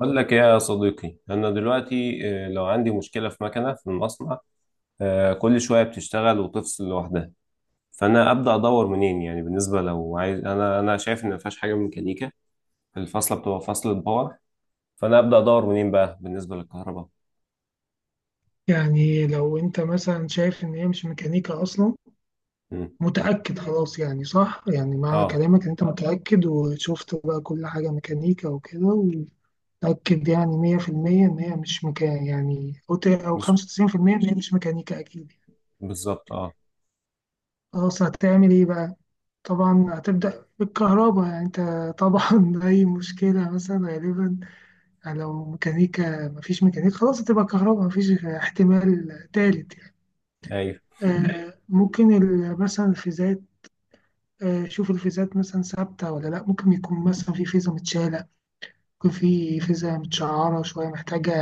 أقول لك إيه يا صديقي، أنا دلوقتي لو عندي مشكلة في مكنة في المصنع. كل شوية بتشتغل وتفصل لوحدها. فأنا أبدأ أدور منين؟ يعني بالنسبة، لو عايز، أنا شايف إن مفيهاش حاجة ميكانيكا. الفاصلة بتبقى فاصلة باور. فأنا أبدأ أدور منين بقى بالنسبة للكهرباء؟ يعني لو انت مثلا شايف ان هي مش ميكانيكا اصلا، مم. متأكد خلاص، يعني صح، يعني معنى أه. كلامك ان انت متأكد وشفت بقى كل حاجة ميكانيكا وكده، ومتأكد يعني 100% ان هي مش مكان يعني، او أو مش. 95% ان هي مش ميكانيكا اكيد. بالظبط أه. خلاص هتعمل ايه بقى؟ طبعا هتبدأ بالكهرباء يعني انت، طبعا اي مشكلة مثلا غالبا لو ميكانيكا، مفيش ميكانيكا خلاص هتبقى كهرباء، مفيش احتمال تالت يعني. أيوه. ممكن مثلا الفيزات، شوف الفيزات مثلا ثابتة ولا لأ. ممكن يكون مثلا في فيزا متشالة، ممكن في فيزا متشعرة شوية محتاجة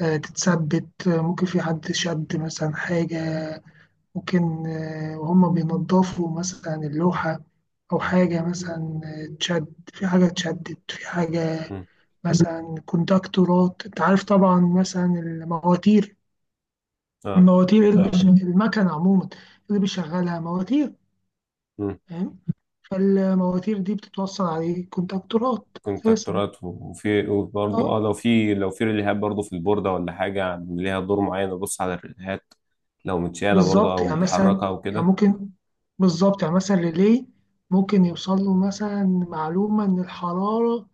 تتثبت. ممكن في حد شد مثلا حاجة، ممكن وهم بينضفوا مثلا اللوحة، أو حاجة مثلا تشد في حاجة، اتشدت في حاجة مم. مثلا كونتاكتورات. أنت عارف طبعا مثلا المواتير، اه. المكنة عموما اللي بيشغلها مواتير، مم. فاهم؟ فالمواتير دي بتتوصل عليه كونتاكتورات أساسا. كونتراكتورات، وبرضه اه لو في ريليهات برضه في البوردة ولا حاجة ليها دور معين، ابص على الريليهات، لو متشالة برضه بالظبط او يعني متحركة مثلا، او يعني كده. ممكن بالظبط يعني مثلا ريلي ممكن يوصل له مثلا معلومة إن الحرارة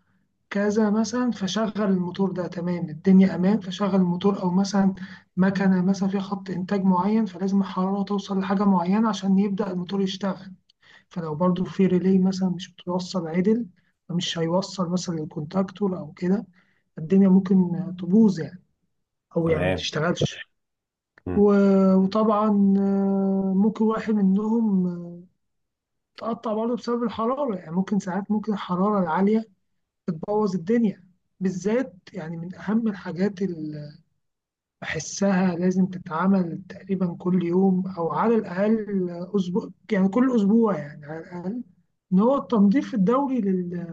كذا مثلا، فشغل الموتور ده، تمام الدنيا أمان فشغل الموتور. أو مثلا مكنة مثلا فيها خط إنتاج معين، فلازم الحرارة توصل لحاجة معينة عشان يبدأ الموتور يشتغل. فلو برضو في ريلي مثلا مش بتوصل عدل، فمش هيوصل مثلا للكونتاكتور أو كده، الدنيا ممكن تبوظ يعني، او يعني ما تمام. تشتغلش. وطبعا ممكن واحد منهم تقطع برضه بسبب الحرارة، يعني ممكن ساعات ممكن الحرارة العالية بتبوظ الدنيا. بالذات يعني من أهم الحاجات اللي بحسها لازم تتعمل تقريبا كل يوم، أو على الأقل أسبوع، يعني كل أسبوع يعني على الأقل، إن هو التنظيف الدوري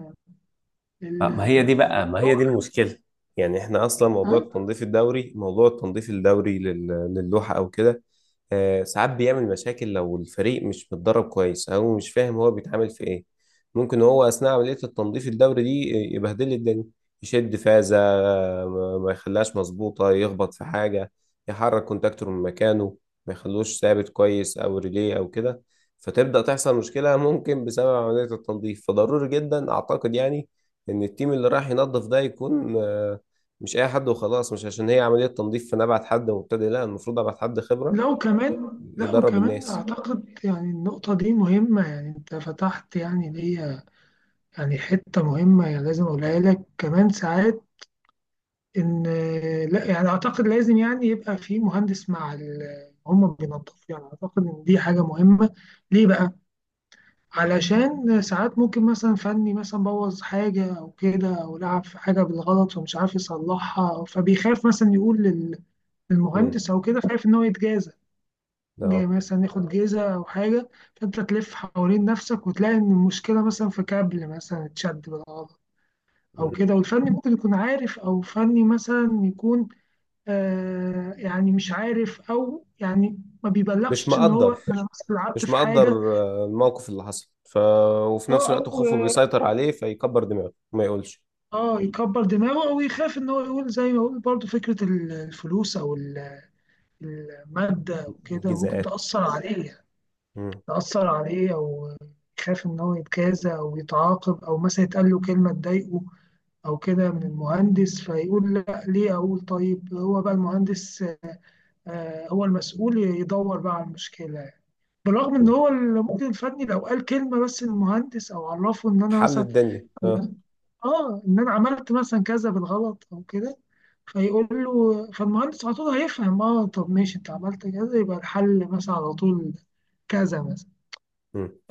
لل- ما هي دي المشكلة. يعني احنا اصلا، موضوع التنظيف الدوري، للوحة او كده. ساعات بيعمل مشاكل لو الفريق مش متدرب كويس او مش فاهم هو بيتعامل في ايه. ممكن هو اثناء عملية التنظيف الدوري دي يبهدل لي الدنيا، يشد فازة، ما يخليهاش مظبوطة، يخبط في حاجة، يحرك كونتاكتور من مكانه، ما يخلوش ثابت كويس، او ريليه او كده. فتبدأ تحصل مشكلة ممكن بسبب عملية التنظيف. فضروري جدا اعتقد، يعني ان التيم اللي رايح ينظف ده يكون مش اي حد وخلاص. مش عشان هي عملية تنظيف فانا ابعت حد مبتدئ، لا المفروض ابعت حد خبرة لو كمان، لا يدرب وكمان الناس. أعتقد يعني النقطة دي مهمة، يعني أنت فتحت يعني ليا يعني حتة مهمة، يعني لازم أقولها لك كمان ساعات إن لا، يعني أعتقد لازم يعني يبقى في مهندس مع هم بينظفوا، يعني أعتقد إن دي حاجة مهمة. ليه بقى؟ علشان ساعات ممكن مثلا فني مثلا بوظ حاجة أو كده، أو لعب في حاجة بالغلط ومش عارف يصلحها، فبيخاف مثلا يقول امم. للمهندس أو كده، خايف إن هو يتجازف، جاي اه. مثلا ناخد جيزة أو حاجة. فأنت تلف حوالين نفسك وتلاقي إن المشكلة مثلا في كابل مثلا اتشد بالغلط أو مم. كده، والفني ممكن يكون عارف، أو فني مثلا يكون آه، يعني مش عارف، أو يعني ما مش بيبلغش إن هو مقدر. أنا مثلا لعبت مش في مقدر. حاجة. الموقف اللي حصل وفي أه نفس الوقت أو خوفه أه بيسيطر عليه، فيكبر دماغه ما يقولش. يكبر دماغه، أو يخاف إن هو يقول، زي ما يقول برضه فكرة الفلوس أو المادة وكده، ممكن جزاءات. تأثر عليه مم. تأثر عليه أو يخاف إن هو يتجازى أو يتعاقب، أو مثلا يتقال له كلمة تضايقه أو كده من المهندس، فيقول لا، ليه أقول؟ طيب هو بقى المهندس هو المسؤول، يدور بقى على المشكلة يعني. بالرغم إن مم. هو المدير الفني لو قال كلمة بس للمهندس، أو عرفه إن أنا حل مثلا الدنيا، اه. آه إن أنا عملت مثلا كذا بالغلط أو كده، فيقول له، فالمهندس على طول هيفهم، اه طب ماشي انت عملت كذا، يبقى الحل مثلا على طول كذا مثلا.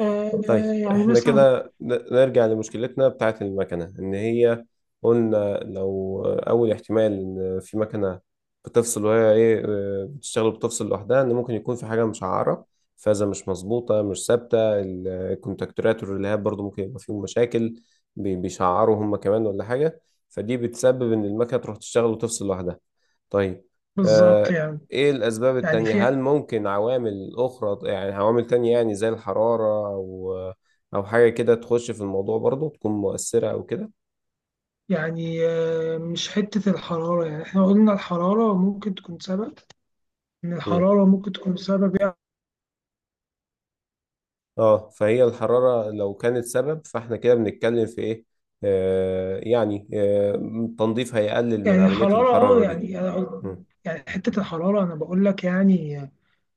طيب، يعني احنا مثلا كده نرجع لمشكلتنا بتاعت المكنة ان هي، قلنا لو اول احتمال ان في مكنة بتفصل وهي ايه، بتشتغل وبتفصل لوحدها، ان ممكن يكون في حاجة مشعرة، فازة مش مظبوطة مش ثابتة، الكونتاكتورات والريلهات برضو ممكن يبقى فيهم مشاكل، بيشعروا هم كمان ولا حاجة، فدي بتسبب ان المكنة تروح تشتغل وتفصل لوحدها. طيب. بالظبط آه، يعني. ايه الاسباب يعني التانية؟ في هل ممكن عوامل اخرى، يعني عوامل تانية، يعني زي الحرارة، او حاجة كده تخش في الموضوع برضو تكون مؤثرة او كده؟ يعني مش حتة الحرارة، يعني احنا قلنا الحرارة ممكن تكون سبب، ان مم. الحرارة ممكن تكون سبب يعني. اه، فهي الحرارة لو كانت سبب، فاحنا كده بنتكلم في ايه؟ يعني التنظيف هيقلل من يعني عملية الحرارة اه، الحرارة دي. يعني أنا مم. يعني حتة الحرارة انا بقول لك يعني،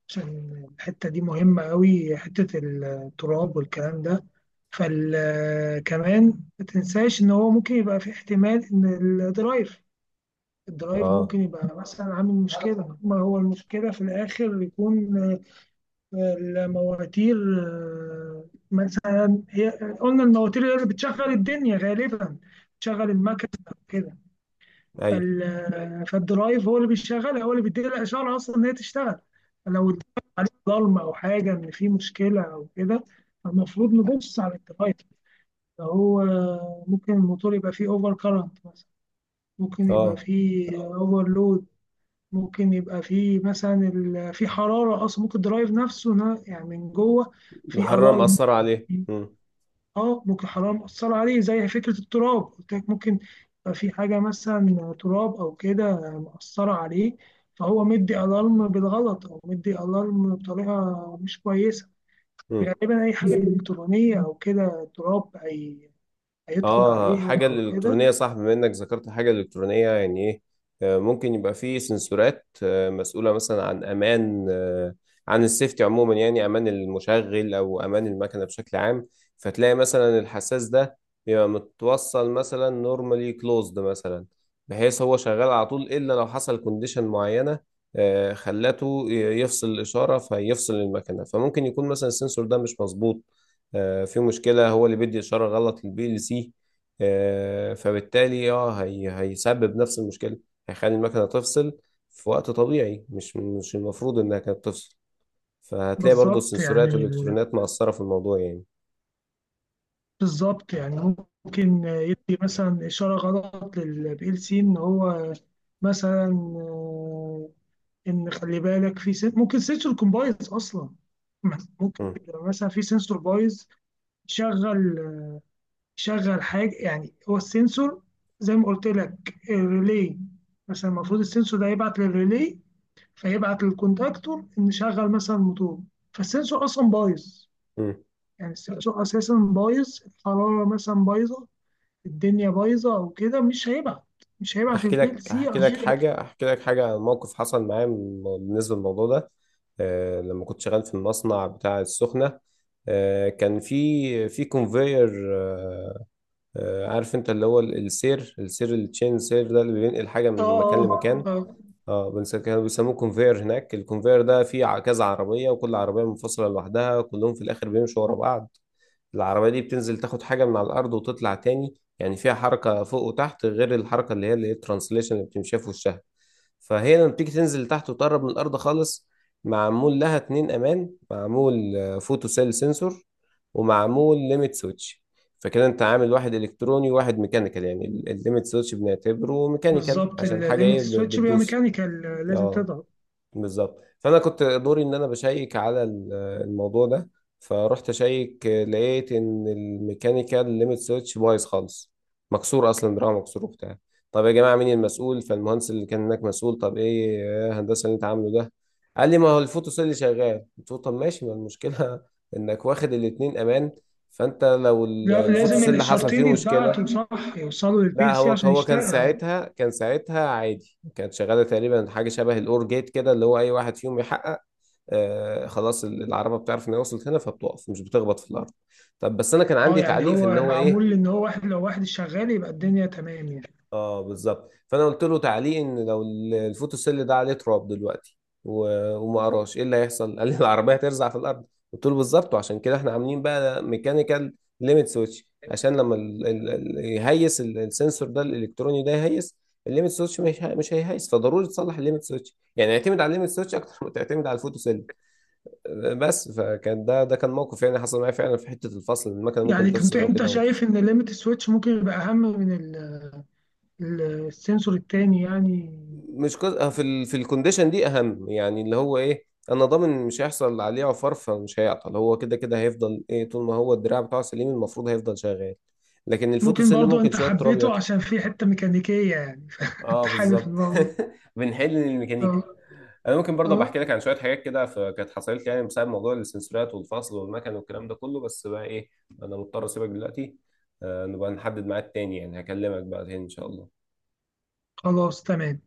عشان الحتة دي مهمة قوي، حتة التراب والكلام ده. فكمان ما تنساش ان هو ممكن يبقى في احتمال ان الدرايف الدرايف اه. ممكن يبقى مثلا عامل مشكلة. ما هو المشكلة في الآخر يكون المواتير مثلا هي. قلنا المواتير هي اللي بتشغل الدنيا غالبا، بتشغل المكنة كده. ايوه. فالدرايف هو اللي بيشغلها، هو اللي بيديها الإشارة أصلا إن هي تشتغل. فلو اتضايق عليك ضلمة أو حاجة إن في مشكلة أو كده، فالمفروض نبص على الدرايف. فهو ممكن الموتور يبقى فيه أوفر كارنت مثلا، ممكن يبقى اه فيه أوفر لود، ممكن يبقى في مثلا في حرارة أصلا، ممكن الدرايف نفسه يعني من جوه في الحرارة ألارم، مأثرة يعني عليه. في مم. اه ممكن حرارة مؤثرة عليه، زي فكرة التراب قلت لك. ممكن يبقى في حاجة مثلا تراب أو كده مؤثرة عليه، فهو مدي ألارم بالغلط، أو مدي ألارم بطريقة مش كويسة. مم. غالبا أي حاجة إلكترونية أو كده، تراب هيدخل اه، عليها حاجة أو كده. الإلكترونية، صح. بما إنك ذكرت حاجة إلكترونية، يعني إيه؟ ممكن يبقى في سنسورات مسؤولة مثلا عن أمان، عن السيفتي عموما، يعني أمان المشغل أو أمان المكنة بشكل عام. فتلاقي مثلا الحساس ده بيبقى متوصل مثلا نورمالي كلوزد مثلا، بحيث هو شغال على طول إلا لو حصل كونديشن معينة خلته يفصل الإشارة، فيفصل المكنة. فممكن يكون مثلا السنسور ده مش مظبوط، في مشكلة، هو اللي بيدي إشارة غلط للبي ال سي. فبالتالي هي هيسبب نفس المشكله، هيخلي المكنه تفصل في وقت طبيعي مش المفروض انها كانت تفصل. فهتلاقي برضو بالظبط السنسورات يعني والالكترونيات مقصره في الموضوع يعني. بالظبط يعني. ممكن يدي مثلا إشارة غلط للبي ال سي إن هو مثلا آه، إن خلي بالك في ممكن سنسور يكون بايظ أصلا، ممكن مم. يبقى مثلا في سنسور بايظ. شغل شغل حاجة، يعني هو السنسور، زي ما قلت لك، الريلي مثلا المفروض السنسور ده يبعت للريلي، فيبعت للكونتاكتور إن شغل مثلا الموتور. فالسنسور أصلا بايظ، مم. يعني السنسور أساسا بايظ، الحرارة مثلا بايظة، الدنيا بايظه او كده، مش هيبعت البي ال سي عشان. احكي لك حاجه عن موقف حصل معايا بالنسبه للموضوع ده. لما كنت شغال في المصنع بتاع السخنه، كان في كونفير. آه، عارف انت اللي هو السير، التشين سير ده اللي بينقل حاجه اه، من مكان اه، لمكان. اه، كانوا بيسموه كونفير هناك. الكونفير ده فيه كذا عربية، وكل عربية منفصلة لوحدها، كلهم في الآخر بيمشوا ورا بعض. العربية دي بتنزل تاخد حاجة من على الأرض وتطلع تاني، يعني فيها حركة فوق وتحت، غير الحركة اللي هي الترانسليشن اللي بتمشيها في وشها. فهي لما بتيجي تنزل تحت وتقرب من الأرض خالص، معمول لها اتنين أمان، معمول فوتو سيل سensor، ومعمول ليميت سويتش. فكده انت عامل واحد الكتروني وواحد ميكانيكال. يعني الليميت سويتش بنعتبره ميكانيكال بالظبط عشان حاجه الليمت ايه، سويتش بيبقى بتدوس. ميكانيكال، لازم اه تضغط. بالظبط. فانا كنت دوري ان انا بشيك على الموضوع ده. فرحت اشيك، لقيت ان الميكانيكال ليميت سويتش بايظ خالص، مكسور اصلا، دراعه مكسور وبتاع. طب يا جماعه، مين المسؤول؟ فالمهندس اللي كان هناك مسؤول. طب ايه يا هندسه اللي انت عامله ده؟ قال لي ما هو الفوتو سيل اللي شغال. قلت له طب ماشي، ما المشكله انك واخد الاتنين امان. فانت لو لا، الفوتو لازم سيل اللي حصل الاشارتين فيه مشكله. يتبعتوا صح، يوصلوا للبي لا، ال سي هو عشان هو كان يشتغل. ساعتها كان ساعتها عادي، كانت شغاله تقريبا حاجه شبه الاور جيت كده، اللي هو اي واحد فيهم يحقق، خلاص العربه بتعرف ان هي وصلت هنا فبتقف، مش بتخبط في الارض. طب بس انا كان اه عندي يعني تعليق في ان هو هو ايه؟ معمول ان هو واحد، لو واحد شغال يبقى الدنيا تمام يعني. اه بالظبط. فانا قلت له تعليق ان لو الفوتوسيل ده عليه تراب دلوقتي وما قراش ايه اللي هيحصل قال لي العربيه هترزع في الارض. قلت له بالظبط. وعشان كده احنا عاملين بقى ميكانيكال ليميت سويتش عشان لما ال ال ال يهيس السنسور ده الالكتروني ده يهيس، الليميت سويتش مش هيهيس. فضروري تصلح الليميت سويتش، يعني اعتمد على الليميت سويتش اكتر ما تعتمد على الفوتوسيل. بس فكان ده كان موقف، يعني حصل معايا فعلا في حته الفصل، المكنه ممكن يعني كنت تفصل او انت كده، او شايف ان الليمت سويتش ممكن يبقى اهم من ال- السنسور التاني يعني؟ مش كز... في الكونديشن دي اهم، يعني اللي هو ايه، انا ضامن مش هيحصل عليه عفار فمش هيعطل، هو كده كده هيفضل ايه، طول ما هو الدراع بتاعه سليم المفروض هيفضل شغال. لكن ممكن الفوتوسيل برضو ممكن انت شويه تراب حبيته يعطل. عشان في حتة ميكانيكية يعني، فانت اه حابب بالظبط. الموضوع. بنحل للميكانيكا. اه. انا ممكن برضه آه. بحكي لك عن شويه حاجات كده كانت حصلت لي، يعني بسبب موضوع السنسورات والفصل والمكن والكلام ده كله، بس بقى ايه، انا مضطر اسيبك دلوقتي. نبقى نحدد ميعاد تاني، يعني هكلمك بقى تاني ان شاء الله. خلاص تمام.